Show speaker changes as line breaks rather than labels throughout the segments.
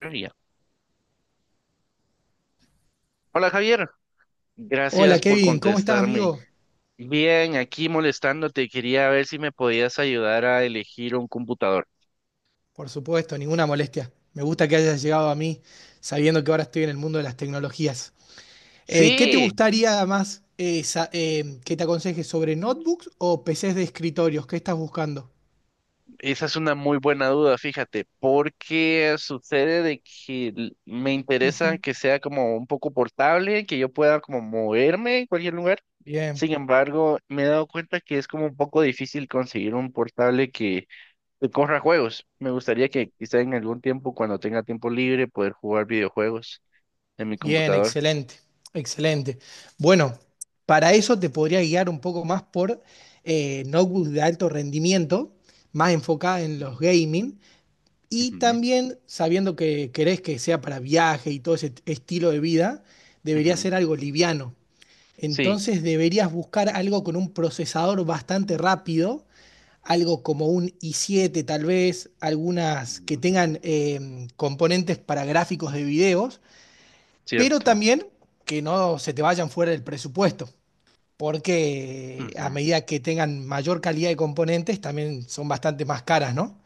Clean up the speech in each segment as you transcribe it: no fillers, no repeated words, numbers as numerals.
Ría. Hola Javier,
Hola
gracias por
Kevin, ¿cómo estás
contestarme.
amigo?
Bien, aquí molestándote, quería ver si me podías ayudar a elegir un computador.
Por supuesto, ninguna molestia. Me gusta que hayas llegado a mí sabiendo que ahora estoy en el mundo de las tecnologías. ¿Qué te
Sí,
gustaría más que te aconseje sobre notebooks o PCs de escritorios? ¿Qué estás buscando?
esa es una muy buena duda, fíjate, porque sucede de que me interesa
Ujú.
que sea como un poco portable, que yo pueda como moverme en cualquier lugar.
Bien,
Sin embargo, me he dado cuenta que es como un poco difícil conseguir un portable que corra juegos. Me gustaría que quizá en algún tiempo, cuando tenga tiempo libre, poder jugar videojuegos en mi
bien,
computador.
excelente, excelente. Bueno, para eso te podría guiar un poco más por notebooks de alto rendimiento, más enfocada en
Ujú,
los gaming. Y
ujú,
también, sabiendo que querés que sea para viaje y todo ese estilo de vida, debería
ujú.
ser algo liviano.
Sí,
Entonces deberías buscar algo con un procesador bastante rápido, algo como un i7 tal vez, algunas que
mm,
tengan componentes para gráficos de videos, pero
cierto.
también que no se te vayan fuera del presupuesto, porque a
Ujú.
medida que tengan mayor calidad de componentes, también son bastante más caras, ¿no?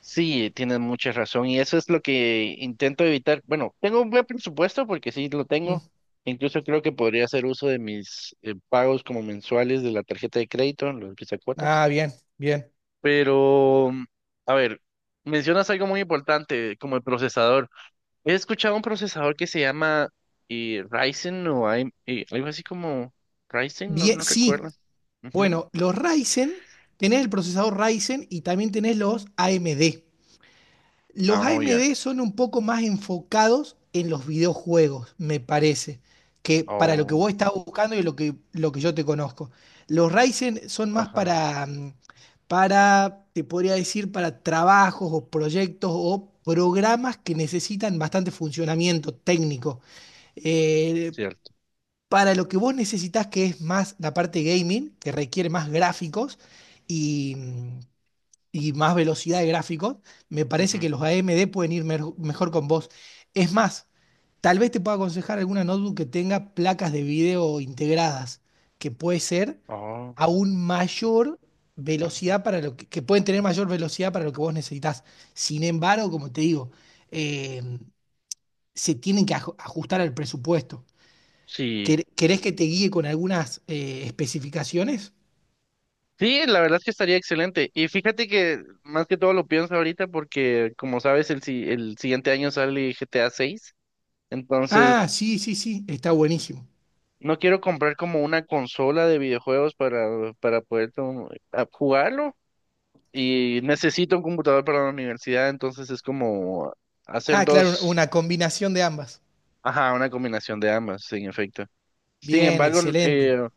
Sí, tienes mucha razón y eso es lo que intento evitar. Bueno, tengo un buen presupuesto porque sí lo
Mm.
tengo. Incluso creo que podría hacer uso de mis pagos como mensuales de la tarjeta de crédito, los cuotas.
Ah, bien, bien.
Pero, a ver, mencionas algo muy importante como el procesador. He escuchado un procesador que se llama Ryzen o AM algo así como Ryzen, no,
Bien,
no
sí,
recuerdo. Ujú.
bueno, los Ryzen, tenés el procesador Ryzen y también tenés los AMD. Los
Ah, oh, ya.
AMD son un poco más enfocados en los videojuegos, me parece, que para lo que
Oh,
vos estás buscando y lo que yo te conozco. Los Ryzen son más
ajá,
para, te podría decir, para trabajos o proyectos o programas que necesitan bastante funcionamiento técnico. Eh,
cierto.
para lo que vos necesitas, que es más la parte gaming, que requiere más gráficos y, y más velocidad de gráficos, me parece
Ujú.
que los AMD pueden ir mejor con vos. Es más, tal vez te pueda aconsejar alguna notebook que tenga placas de video integradas, que puede ser
Oh,
aún mayor velocidad para que pueden tener mayor velocidad para lo que vos necesitas. Sin embargo, como te digo, eh, se tienen que ajustar al presupuesto.
sí.
¿Querés que te guíe con algunas especificaciones?
Sí, la verdad es que estaría excelente. Y fíjate que más que todo lo pienso ahorita porque, como sabes, el, si- el siguiente año sale GTA 6. Entonces,
Ah, sí, sí, sí, está buenísimo.
no quiero comprar como una consola de videojuegos para poder jugarlo y necesito un computador para la universidad, entonces es como hacer
Ah, claro,
dos,
una combinación de ambas.
ajá, una combinación de ambas, en efecto. Sin
Bien,
embargo,
excelente.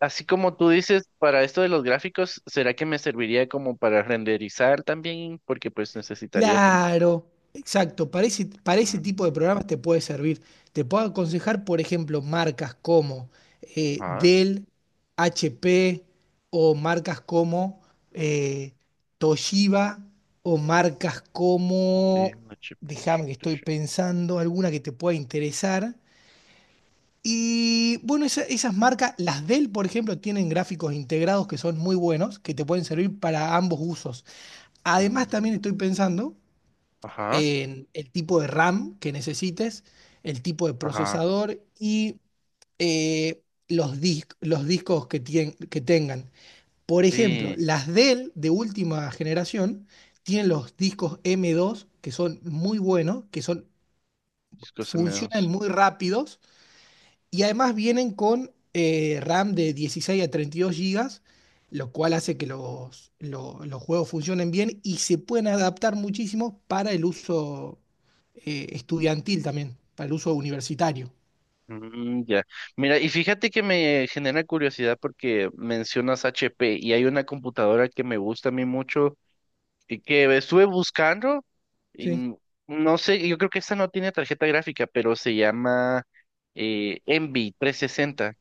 así como tú dices, para esto de los gráficos, ¿será que me serviría como para renderizar también? Porque pues necesitaría como.
Claro, exacto. Para ese
Mm,
tipo de programas te puede servir. Te puedo aconsejar, por ejemplo, marcas como
ajá,
Dell, HP o marcas como eh, Toshiba o marcas
de
como,
una chip,
déjame que estoy pensando, alguna que te pueda interesar. Y bueno, esas marcas, las Dell, por ejemplo, tienen gráficos integrados que son muy buenos, que te pueden servir para ambos usos. Además,
mm,
también estoy pensando
ajá,
en el tipo de RAM que necesites, el tipo de
ajá,
procesador y eh, los discos que tengan. Por ejemplo,
sí,
las Dell de última generación tienen los discos M2 que son muy buenos,
disco M
funcionan
dos.
muy rápidos y además vienen con RAM de 16 a 32 gigas, lo cual hace que los juegos funcionen bien y se pueden adaptar muchísimo para el uso estudiantil también, para el uso universitario.
Mm, ya. Mira, y fíjate que me genera curiosidad porque mencionas HP y hay una computadora que me gusta a mí mucho y que estuve buscando y
¿Sí?
no sé, yo creo que esta no tiene tarjeta gráfica, pero se llama Envy 360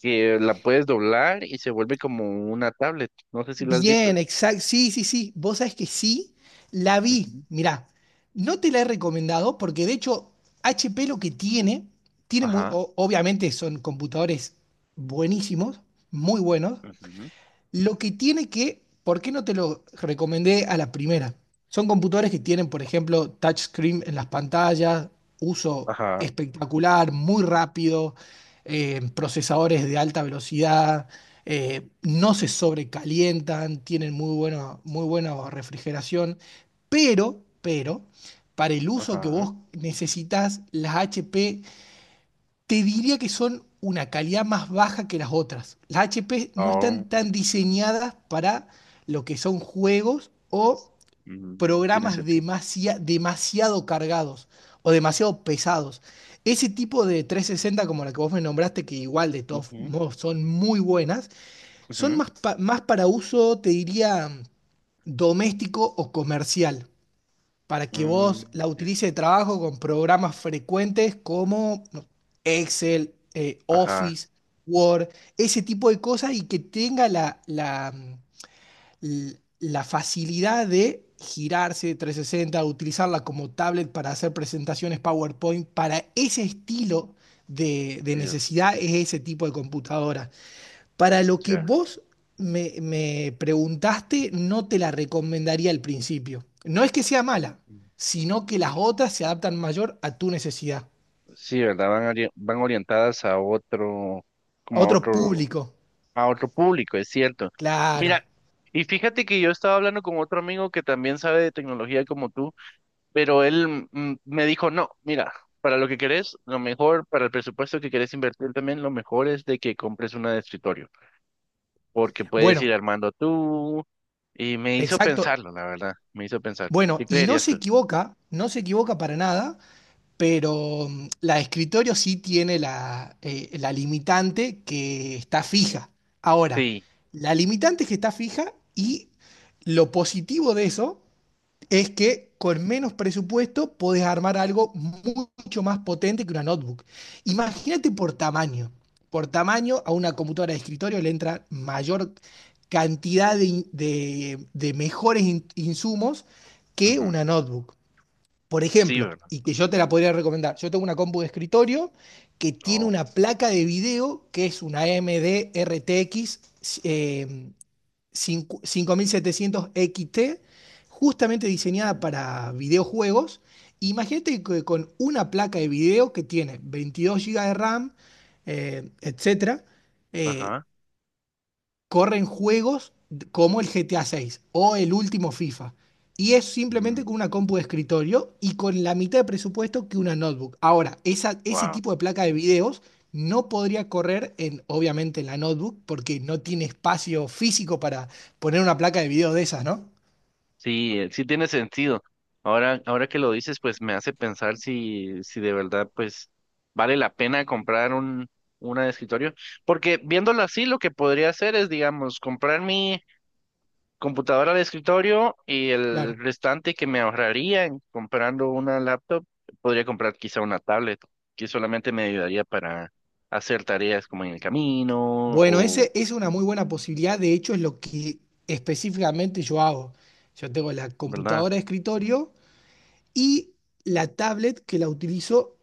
que la puedes doblar y se vuelve como una tablet. No sé si la has visto.
Bien, exacto. Sí, sí, sí. Vos sabés que sí, la vi.
Ujú.
Mirá, no te la he recomendado porque de hecho HP lo que tiene,
Ajá.
obviamente son computadores buenísimos, muy buenos.
Ujú,
Lo que tiene que, ¿Por qué no te lo recomendé a la primera? Son computadores que tienen, por ejemplo, touchscreen en las pantallas, uso
ajá.
espectacular, muy rápido, procesadores de alta velocidad, no se sobrecalientan, tienen muy buena refrigeración, pero, para el uso que
Ajá.
vos necesitas, las HP te diría que son una calidad más baja que las otras. Las HP no
Oh,
están tan diseñadas para lo que son juegos o
tiene
programas
sentido.
demasiado cargados o demasiado pesados. Ese tipo de 360 como la que vos me nombraste, que igual de todos
Ujú,
modos son muy buenas, son
ujú,
más para uso, te diría, doméstico o comercial, para que
mm,
vos la
ya.
utilices de trabajo con programas frecuentes como no, Excel,
Ajá.
Office, Word, ese tipo de cosas, y que tenga la facilidad de girarse 360, utilizarla como tablet para hacer presentaciones PowerPoint. Para ese estilo de necesidad es ese tipo de computadora. Para lo que
Ya.
vos me preguntaste, no te la recomendaría al principio. No es que sea mala, sino que las otras se adaptan mayor a tu necesidad,
Sí, ¿verdad? Van orientadas a otro,
a
como a
otro
otro,
público.
a otro público, es cierto.
Claro.
Mira, y fíjate que yo estaba hablando con otro amigo que también sabe de tecnología como tú, pero él me dijo, no, mira, para lo que querés, lo mejor, para el presupuesto que querés invertir también, lo mejor es de que compres una de escritorio, porque puedes
Bueno,
ir armando tú, y me hizo
exacto.
pensarlo, la verdad, me hizo pensar,
Bueno,
¿qué
y no
creerías
se
tú?
equivoca, no se equivoca para nada, pero la de escritorio sí tiene la limitante que está fija. Ahora,
Sí.
la limitante es que está fija y lo positivo de eso es que con menos presupuesto podés armar algo mucho más potente que una notebook. Imagínate por tamaño. Por tamaño, a una computadora de escritorio le entra mayor cantidad de mejores insumos que
Ujú.
una notebook. Por
Sí,
ejemplo,
¿verdad?
y que yo te la podría recomendar, yo tengo una compu de escritorio que tiene
Oh.
una placa de video que es una AMD RTX 5700 XT, justamente diseñada para videojuegos. Imagínate que con una placa de video que tiene 22 GB de RAM, etcétera, eh,
Ajá.
corren juegos como el GTA 6 o el último FIFA. Y es simplemente con una compu de escritorio y con la mitad de presupuesto que una notebook. Ahora, ese
Wow.
tipo de placa de videos no podría correr en, obviamente, en la notebook porque no tiene espacio físico para poner una placa de video de esas, ¿no?
Sí, sí tiene sentido. Ahora que lo dices, pues me hace pensar si, de verdad, pues, vale la pena comprar una de escritorio. Porque viéndolo así, lo que podría hacer es, digamos, comprar mi computadora de escritorio y el
Claro.
restante que me ahorraría en comprando una laptop, podría comprar quizá una tablet, que solamente me ayudaría para hacer tareas como en el camino
Bueno,
o,
ese es una muy buena posibilidad. De hecho, es lo que específicamente yo hago. Yo tengo la
¿verdad?
computadora de escritorio y la tablet, que la utilizo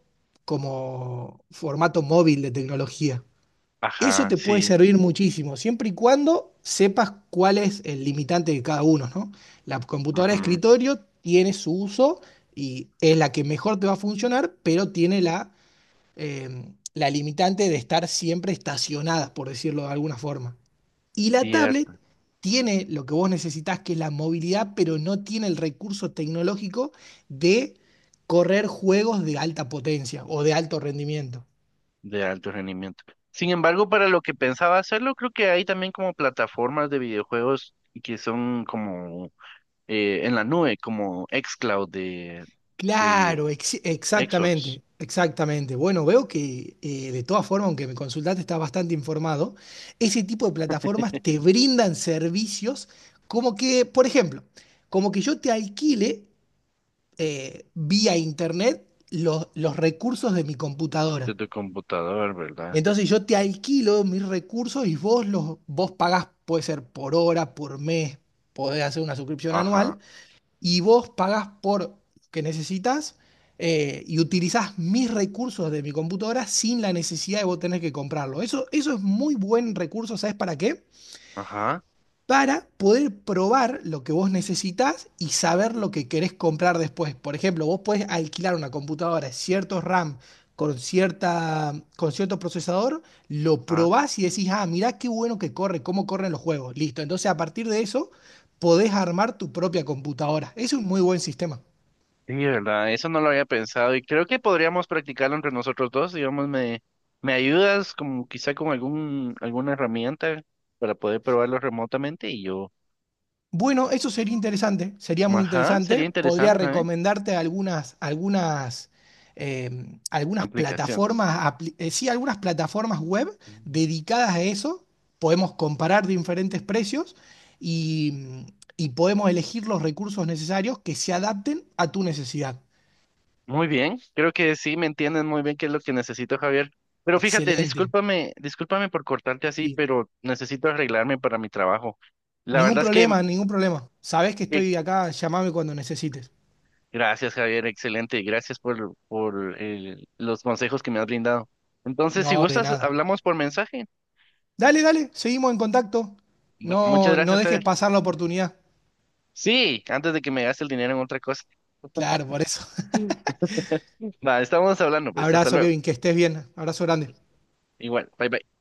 como formato móvil de tecnología. Eso
Ajá,
te puede
sí,
servir muchísimo, siempre y cuando sepas cuál es el limitante de cada uno, ¿no? La computadora de
ujú,
escritorio tiene su uso y es la que mejor te va a funcionar, pero tiene la limitante de estar siempre estacionada, por decirlo de alguna forma. Y la tablet
cierto,
tiene lo que vos necesitás, que es la movilidad, pero no tiene el recurso tecnológico de correr juegos de alta potencia o de alto rendimiento.
de alto rendimiento. Sin embargo, para lo que pensaba hacerlo, creo que hay también como plataformas de videojuegos que son como en la nube, como xCloud de,
Claro,
de Xbox,
exactamente, exactamente. Bueno, veo que de todas formas, aunque me consultaste, estás bastante informado. Ese tipo de plataformas te brindan servicios como que, por ejemplo, como que yo te alquile vía internet los recursos de mi computadora.
de tu computador, ¿verdad?
Entonces yo te alquilo mis recursos y vos pagás, puede ser por hora, por mes, podés hacer una suscripción anual
Ajá,
y vos pagás por lo que necesitas, y utilizás mis recursos de mi computadora sin la necesidad de vos tener que comprarlo. Eso es muy buen recurso, ¿sabes para qué?
ajá,
Para poder probar lo que vos necesitas y saber lo que querés comprar después. Por ejemplo, vos podés alquilar una computadora, cierto RAM con cierto procesador, lo
ajá.
probás y decís, ah, mirá qué bueno que corre, cómo corren los juegos. Listo. Entonces, a partir de eso, podés armar tu propia computadora. Es un muy buen sistema.
Sí, verdad, eso no lo había pensado y creo que podríamos practicarlo entre nosotros dos, digamos, me ayudas como quizá con alguna herramienta para poder probarlo remotamente y yo,
Bueno, eso sería interesante, sería muy
ajá,
interesante.
sería
Podría
interesante también,
recomendarte algunas, algunas, em, algunas
aplicaciones.
plataformas, apli- sí, algunas plataformas web
Mm.
dedicadas a eso. Podemos comparar diferentes precios y, y podemos elegir los recursos necesarios que se adapten a tu necesidad.
Muy bien, creo que sí, me entiendes muy bien qué es lo que necesito, Javier. Pero fíjate,
Excelente,
discúlpame, discúlpame por cortarte así,
sí.
pero necesito arreglarme para mi trabajo. La
Ningún
verdad es que,
problema, ningún problema. Sabés que
que
estoy acá, llamame cuando necesites.
Gracias, Javier, excelente. Y gracias por los consejos que me has brindado. Entonces, si
No, de
gustas,
nada.
hablamos por mensaje.
Dale, dale, seguimos en contacto.
Bueno, muchas
No, no
gracias,
dejes
Javier.
pasar la oportunidad.
Sí, antes de que me gaste el dinero en otra cosa.
Claro, por eso.
Mm. Va, estamos hablando, pues. Hasta
Abrazo,
luego.
Kevin, que estés bien. Abrazo grande.
Igual, bye bye.